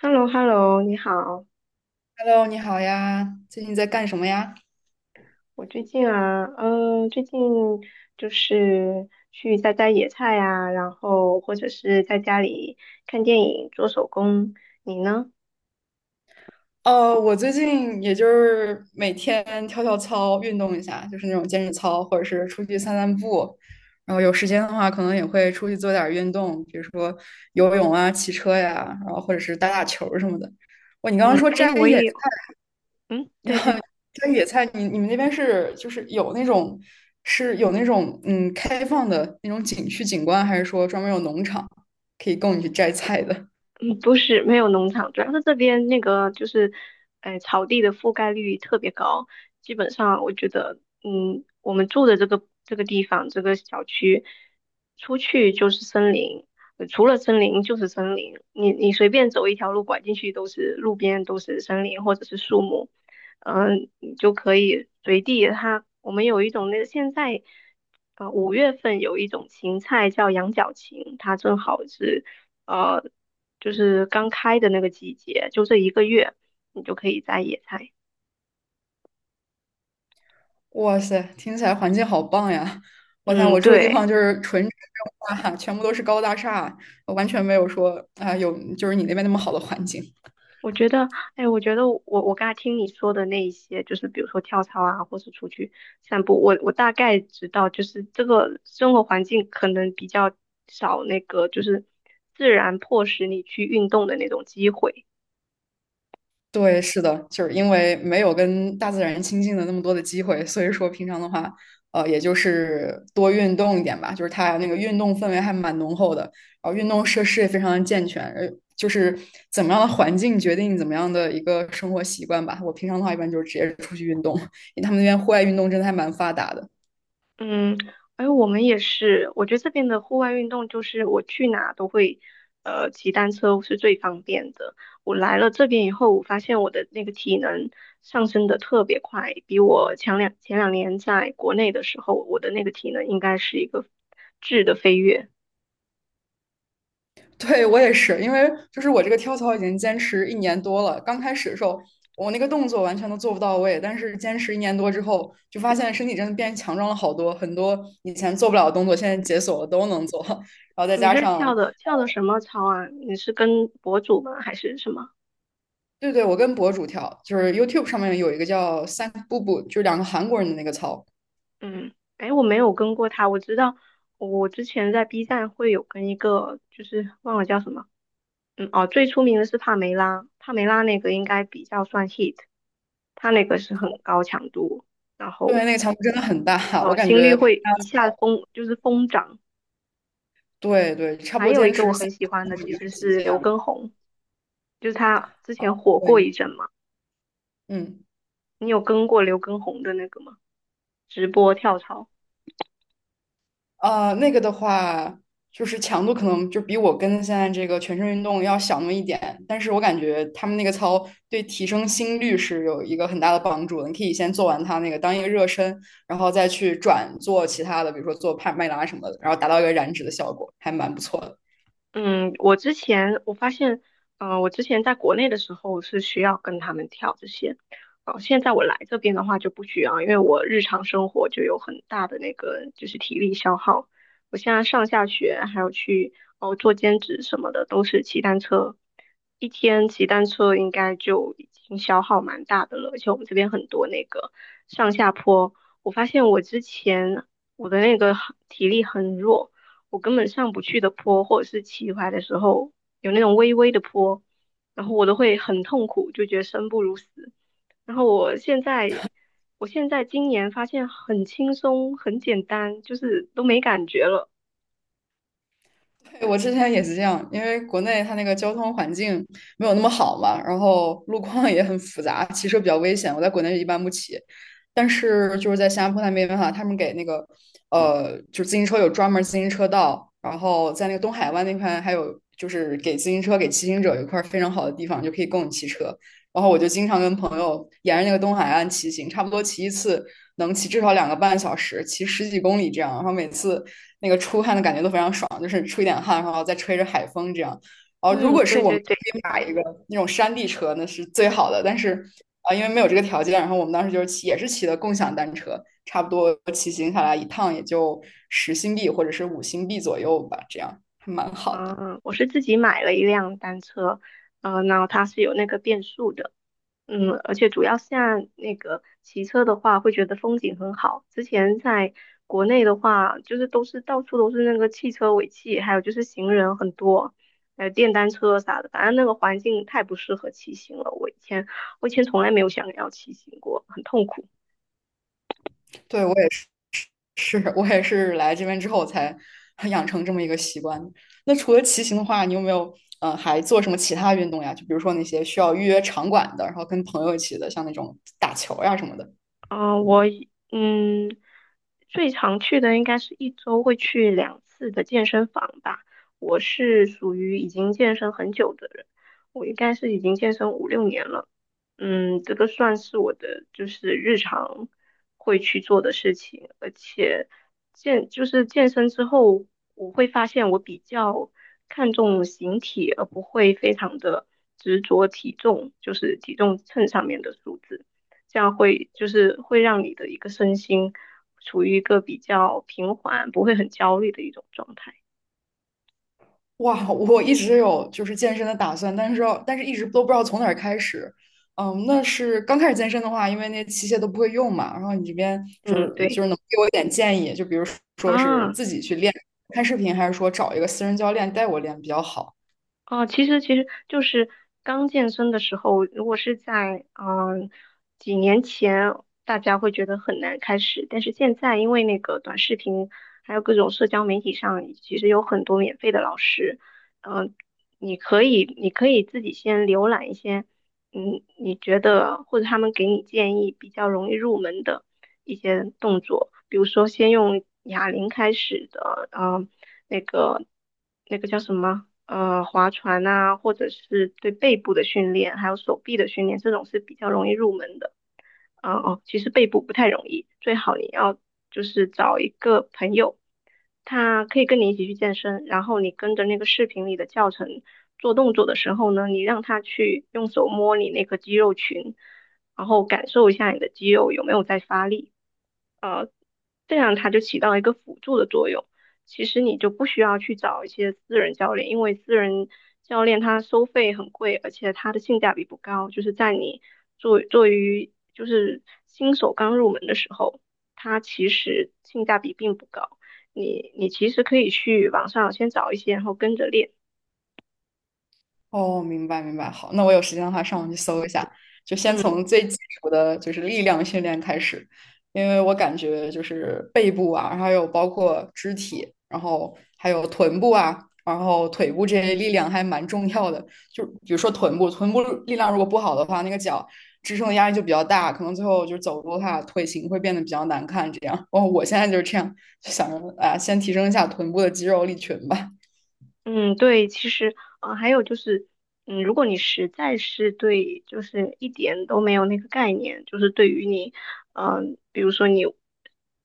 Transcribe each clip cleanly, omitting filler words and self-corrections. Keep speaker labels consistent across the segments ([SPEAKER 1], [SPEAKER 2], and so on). [SPEAKER 1] h e l l o h e l l o 你好。
[SPEAKER 2] Hello，你好呀，最近在干什么呀？
[SPEAKER 1] 我最近就是去摘摘野菜呀，然后或者是在家里看电影、做手工。你呢？
[SPEAKER 2] 我最近也就是每天跳跳操，运动一下，就是那种健身操，或者是出去散散步。然后有时间的话，可能也会出去做点儿运动，比如说游泳啊、骑车呀，然后或者是打打球儿什么的。哇，你刚刚
[SPEAKER 1] 嗯，
[SPEAKER 2] 说
[SPEAKER 1] 哎，
[SPEAKER 2] 摘
[SPEAKER 1] 我
[SPEAKER 2] 野
[SPEAKER 1] 也有，嗯，对对。
[SPEAKER 2] 摘野菜，你们那边就是有那种开放的那种景区景观，还是说专门有农场可以供你去摘菜的？
[SPEAKER 1] 嗯，不是，没有农场，主要是这边那个就是，哎，草地的覆盖率特别高，基本上我觉得，我们住的这个地方这个小区，出去就是森林，除了森林就是森林，你随便走一条路拐进去都是路边都是森林或者是树木，你就可以随地它，我们有一种那个现在。五月份有一种芹菜叫羊角芹，它正好是呃，就是刚开的那个季节，就这一个月，你就可以摘野菜。
[SPEAKER 2] 哇塞，听起来环境好棒呀！我想
[SPEAKER 1] 嗯，
[SPEAKER 2] 我住的地方
[SPEAKER 1] 对，
[SPEAKER 2] 就是纯城镇化，全部都是高大厦，完全没有说啊、有就是你那边那么好的环境。
[SPEAKER 1] 我觉得，哎，我觉得我刚才听你说的那一些，就是比如说跳操啊，或是出去散步，我大概知道，就是这个生活环境可能比较少那个，就是自然迫使你去运动的那种机会。
[SPEAKER 2] 对，是的，就是因为没有跟大自然亲近的那么多的机会，所以说平常的话，也就是多运动一点吧。就是它那个运动氛围还蛮浓厚的，然后运动设施也非常的健全，就是怎么样的环境决定怎么样的一个生活习惯吧。我平常的话，一般就是直接出去运动，因为他们那边户外运动真的还蛮发达的。
[SPEAKER 1] 嗯，而我们也是，我觉得这边的户外运动就是我去哪都会，骑单车是最方便的。我来了这边以后，我发现我的那个体能上升的特别快，比我前两年在国内的时候，我的那个体能应该是一个质的飞跃。
[SPEAKER 2] 对，我也是，因为就是我这个跳操已经坚持一年多了。刚开始的时候，我那个动作完全都做不到位，但是坚持一年多之后，就发现身体真的变强壮了好多，很多以前做不了的动作，现在解锁了都能做。然后再
[SPEAKER 1] 你
[SPEAKER 2] 加
[SPEAKER 1] 是
[SPEAKER 2] 上，
[SPEAKER 1] 跳的什么操啊？你是跟博主吗？还是什么？
[SPEAKER 2] 对对，我跟博主跳，就是 YouTube 上面有一个叫三步步，就是两个韩国人的那个操，
[SPEAKER 1] 嗯，哎，我没有跟过他，我知道我之前在 B 站会有跟一个，就是忘了叫什么。嗯，哦，最出名的是帕梅拉，帕梅拉那个应该比较算 hit，它那个是很高强度，然后
[SPEAKER 2] 对，那个强度真的很大，我
[SPEAKER 1] 哦，
[SPEAKER 2] 感
[SPEAKER 1] 心率
[SPEAKER 2] 觉拍
[SPEAKER 1] 会
[SPEAKER 2] 他
[SPEAKER 1] 一下疯，就是疯涨。
[SPEAKER 2] 对对，差不
[SPEAKER 1] 还
[SPEAKER 2] 多
[SPEAKER 1] 有一
[SPEAKER 2] 坚
[SPEAKER 1] 个我
[SPEAKER 2] 持
[SPEAKER 1] 很
[SPEAKER 2] 三
[SPEAKER 1] 喜欢
[SPEAKER 2] 步
[SPEAKER 1] 的
[SPEAKER 2] 步已
[SPEAKER 1] 其
[SPEAKER 2] 经
[SPEAKER 1] 实
[SPEAKER 2] 是极
[SPEAKER 1] 是
[SPEAKER 2] 限
[SPEAKER 1] 刘
[SPEAKER 2] 了。
[SPEAKER 1] 畊宏，就是他之前火过
[SPEAKER 2] 对，
[SPEAKER 1] 一阵嘛。
[SPEAKER 2] 嗯。
[SPEAKER 1] 你有跟过刘畊宏的那个吗？直播跳槽？
[SPEAKER 2] 那个的话，就是强度可能就比我跟现在这个全身运动要小那么一点，但是我感觉他们那个操对提升心率是有一个很大的帮助的。你可以先做完它那个当一个热身，然后再去转做其他的，比如说做帕梅拉什么的，然后达到一个燃脂的效果，还蛮不错的。
[SPEAKER 1] 嗯，我之前我发现，我之前在国内的时候是需要跟他们跳这些，哦、现在我来这边的话就不需要，因为我日常生活就有很大的那个就是体力消耗。我现在上下学还有去哦做兼职什么的，都是骑单车，一天骑单车应该就已经消耗蛮大的了，而且我们这边很多那个上下坡，我发现我之前我的那个体力很弱，我根本上不去的坡，或者是骑回来的时候有那种微微的坡，然后我都会很痛苦，就觉得生不如死。然后我现在今年发现很轻松，很简单，就是都没感觉了。
[SPEAKER 2] 对我之前也是这样，因为国内它那个交通环境没有那么好嘛，然后路况也很复杂，骑车比较危险。我在国内一般不骑，但是就是在新加坡那边哈，他们给那个就是自行车有专门自行车道，然后在那个东海湾那块还有就是给自行车给骑行者有一块非常好的地方，就可以供你骑车。然后我就经常跟朋友沿着那个东海岸骑行，差不多骑一次能骑至少2个半小时，骑十几公里这样。然后每次那个出汗的感觉都非常爽，就是出一点汗，然后再吹着海风这样。然后如
[SPEAKER 1] 嗯，
[SPEAKER 2] 果是
[SPEAKER 1] 对
[SPEAKER 2] 我们
[SPEAKER 1] 对对，
[SPEAKER 2] 可以买一个那种山地车，那是最好的。但
[SPEAKER 1] 嗯
[SPEAKER 2] 是因为没有这个条件，然后我们当时就是骑，也是骑的共享单车，差不多骑行下来一趟也就10新币或者是5新币左右吧，这样还蛮好
[SPEAKER 1] 嗯。
[SPEAKER 2] 的。
[SPEAKER 1] 我是自己买了一辆单车，然后它是有那个变速的，而且主要现在那个骑车的话，会觉得风景很好。之前在国内的话，就是都是到处都是那个汽车尾气，还有就是行人很多，还有电单车啥的，反正那个环境太不适合骑行了。我以前从来没有想要骑行过，很痛苦。
[SPEAKER 2] 对，我也是来这边之后才养成这么一个习惯。那除了骑行的话，你有没有还做什么其他运动呀？就比如说那些需要预约场馆的，然后跟朋友一起的，像那种打球呀什么的。
[SPEAKER 1] 嗯，最常去的应该是一周会去两次的健身房吧。我是属于已经健身很久的人，我应该是已经健身五六年了。嗯，这个算是我的就是日常会去做的事情，而且就是健身之后，我会发现我比较看重形体，而不会非常的执着体重，就是体重秤上面的数字，这样就是会让你的一个身心处于一个比较平缓，不会很焦虑的一种状态。
[SPEAKER 2] 哇，我一直有就是健身的打算，但是一直都不知道从哪儿开始。嗯，那是刚开始健身的话，因为那些器械都不会用嘛。然后你这边就
[SPEAKER 1] 嗯，
[SPEAKER 2] 是就
[SPEAKER 1] 对
[SPEAKER 2] 是能给我一点建议，就比如说是
[SPEAKER 1] 啊。
[SPEAKER 2] 自己去练，看视频，还是说找一个私人教练带我练比较好？
[SPEAKER 1] 哦，其实就是刚健身的时候，如果是在几年前，大家会觉得很难开始，但是现在因为那个短视频，还有各种社交媒体上，其实有很多免费的老师，嗯、你可以自己先浏览一些。你觉得或者他们给你建议比较容易入门的一些动作，比如说先用哑铃开始的，那个那个叫什么，划船啊，或者是对背部的训练，还有手臂的训练，这种是比较容易入门的。其实背部不太容易，最好你要就是找一个朋友，他可以跟你一起去健身，然后你跟着那个视频里的教程做动作的时候呢，你让他去用手摸你那个肌肉群，然后感受一下你的肌肉有没有在发力。这样它就起到一个辅助的作用。其实你就不需要去找一些私人教练，因为私人教练他收费很贵，而且他的性价比不高，就是在你做做于就是新手刚入门的时候，它其实性价比并不高。你其实可以去网上先找一些，然后跟着练。
[SPEAKER 2] 哦，明白明白，好，那我有时间的话上网去搜一下，就先从
[SPEAKER 1] 嗯。
[SPEAKER 2] 最基础的就是力量训练开始，因为我感觉就是背部啊，然后还有包括肢体，然后还有臀部啊，然后腿部这些力量还蛮重要的。就比如说臀部，臀部力量如果不好的话，那个脚支撑的压力就比较大，可能最后就是走路的话，腿型会变得比较难看。这样，哦，我现在就是这样，就想着啊，先提升一下臀部的肌肉力群吧。
[SPEAKER 1] 嗯，对，其实，还有就是，如果你实在是对，就是一点都没有那个概念，就是对于你，比如说你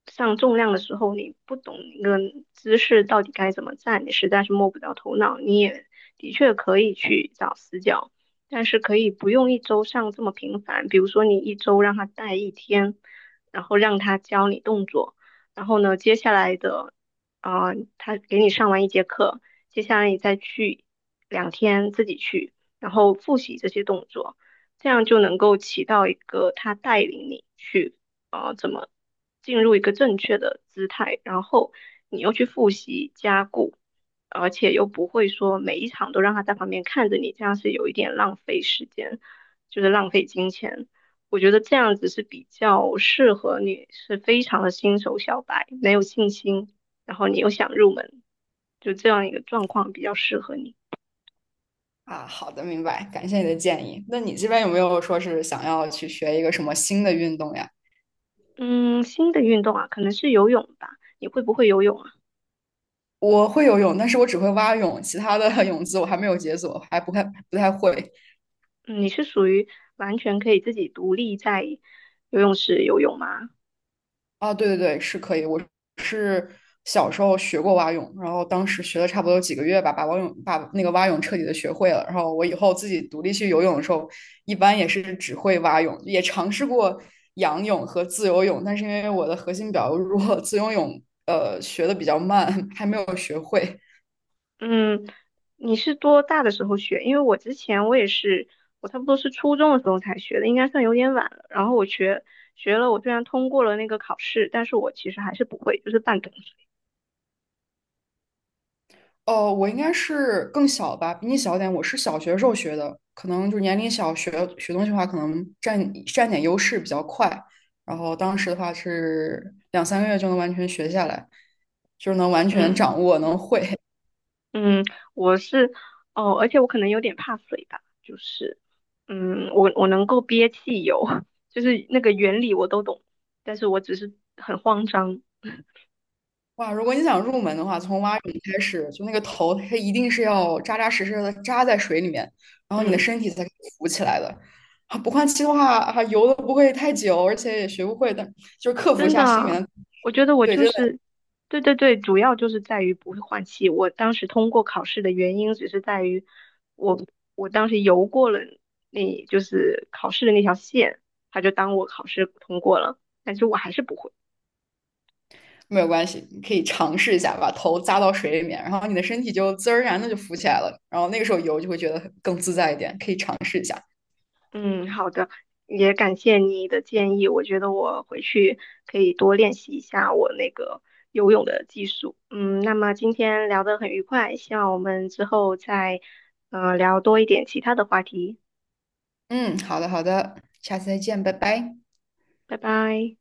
[SPEAKER 1] 上重量的时候，你不懂那个姿势到底该怎么站，你实在是摸不着头脑，你也的确可以去找死角，但是可以不用一周上这么频繁，比如说你一周让他带一天，然后让他教你动作。然后呢，接下来的啊、他给你上完一节课，接下来你再去两天自己去，然后复习这些动作，这样就能够起到一个他带领你去怎么进入一个正确的姿态，然后你又去复习加固，而且又不会说每一场都让他在旁边看着你，这样是有一点浪费时间，就是浪费金钱。我觉得这样子是比较适合你，是非常的新手小白，没有信心。然后你又想入门，就这样一个状况比较适合你。
[SPEAKER 2] 啊，好的，明白，感谢你的建议。那你这边有没有说是想要去学一个什么新的运动呀？
[SPEAKER 1] 嗯，新的运动啊，可能是游泳吧。你会不会游泳啊？
[SPEAKER 2] 我会游泳，但是我只会蛙泳，其他的 泳姿我还没有解锁，还不太会。
[SPEAKER 1] 嗯，你是属于完全可以自己独立在游泳池游泳吗？
[SPEAKER 2] 啊，对对对，是可以。我是小时候学过蛙泳，然后当时学了差不多有几个月吧，把蛙泳把那个蛙泳彻底的学会了。然后我以后自己独立去游泳的时候，一般也是只会蛙泳，也尝试过仰泳和自由泳，但是因为我的核心比较弱，自由泳学的比较慢，还没有学会。
[SPEAKER 1] 嗯，你是多大的时候学？因为我之前我也是，我差不多是初中的时候才学的，应该算有点晚了。然后我学了，我虽然通过了那个考试，但是我其实还是不会，就是半桶水。
[SPEAKER 2] 哦，我应该是更小吧，比你小点。我是小学时候学的，可能就是年龄小学学东西的话，可能占点优势比较快。然后当时的话是两三个月就能完全学下来，就是能完全
[SPEAKER 1] 嗯。
[SPEAKER 2] 掌握，能会。
[SPEAKER 1] 嗯，我是哦，而且我可能有点怕水吧，就是，我能够憋气游，就是那个原理我都懂，但是我只是很慌张，
[SPEAKER 2] 哇，如果你想入门的话，从蛙泳开始，就那个头，它一定是要扎扎实实的扎在水里面，然后你的
[SPEAKER 1] 嗯，
[SPEAKER 2] 身体才可以浮起来的。啊不换气的话，啊，游的不会太久，而且也学不会的，但就是克服一
[SPEAKER 1] 真的
[SPEAKER 2] 下心里
[SPEAKER 1] 啊
[SPEAKER 2] 面的
[SPEAKER 1] 我觉得我
[SPEAKER 2] 对，
[SPEAKER 1] 就
[SPEAKER 2] 真的。
[SPEAKER 1] 是，对对对，主要就是在于不会换气。我当时通过考试的原因只是在于我我当时游过了那，就是考试的那条线，他就当我考试通过了，但是我还是不会。
[SPEAKER 2] 没有关系，你可以尝试一下，把头扎到水里面，然后你的身体就自然而然的就浮起来了，然后那个时候游就会觉得更自在一点，可以尝试一下。
[SPEAKER 1] 嗯，好的，也感谢你的建议，我觉得我回去可以多练习一下我那个游泳的技术。嗯，那么今天聊得很愉快，希望我们之后再聊多一点其他的话题。
[SPEAKER 2] 嗯，好的好的，下次再见，拜拜。
[SPEAKER 1] 拜拜。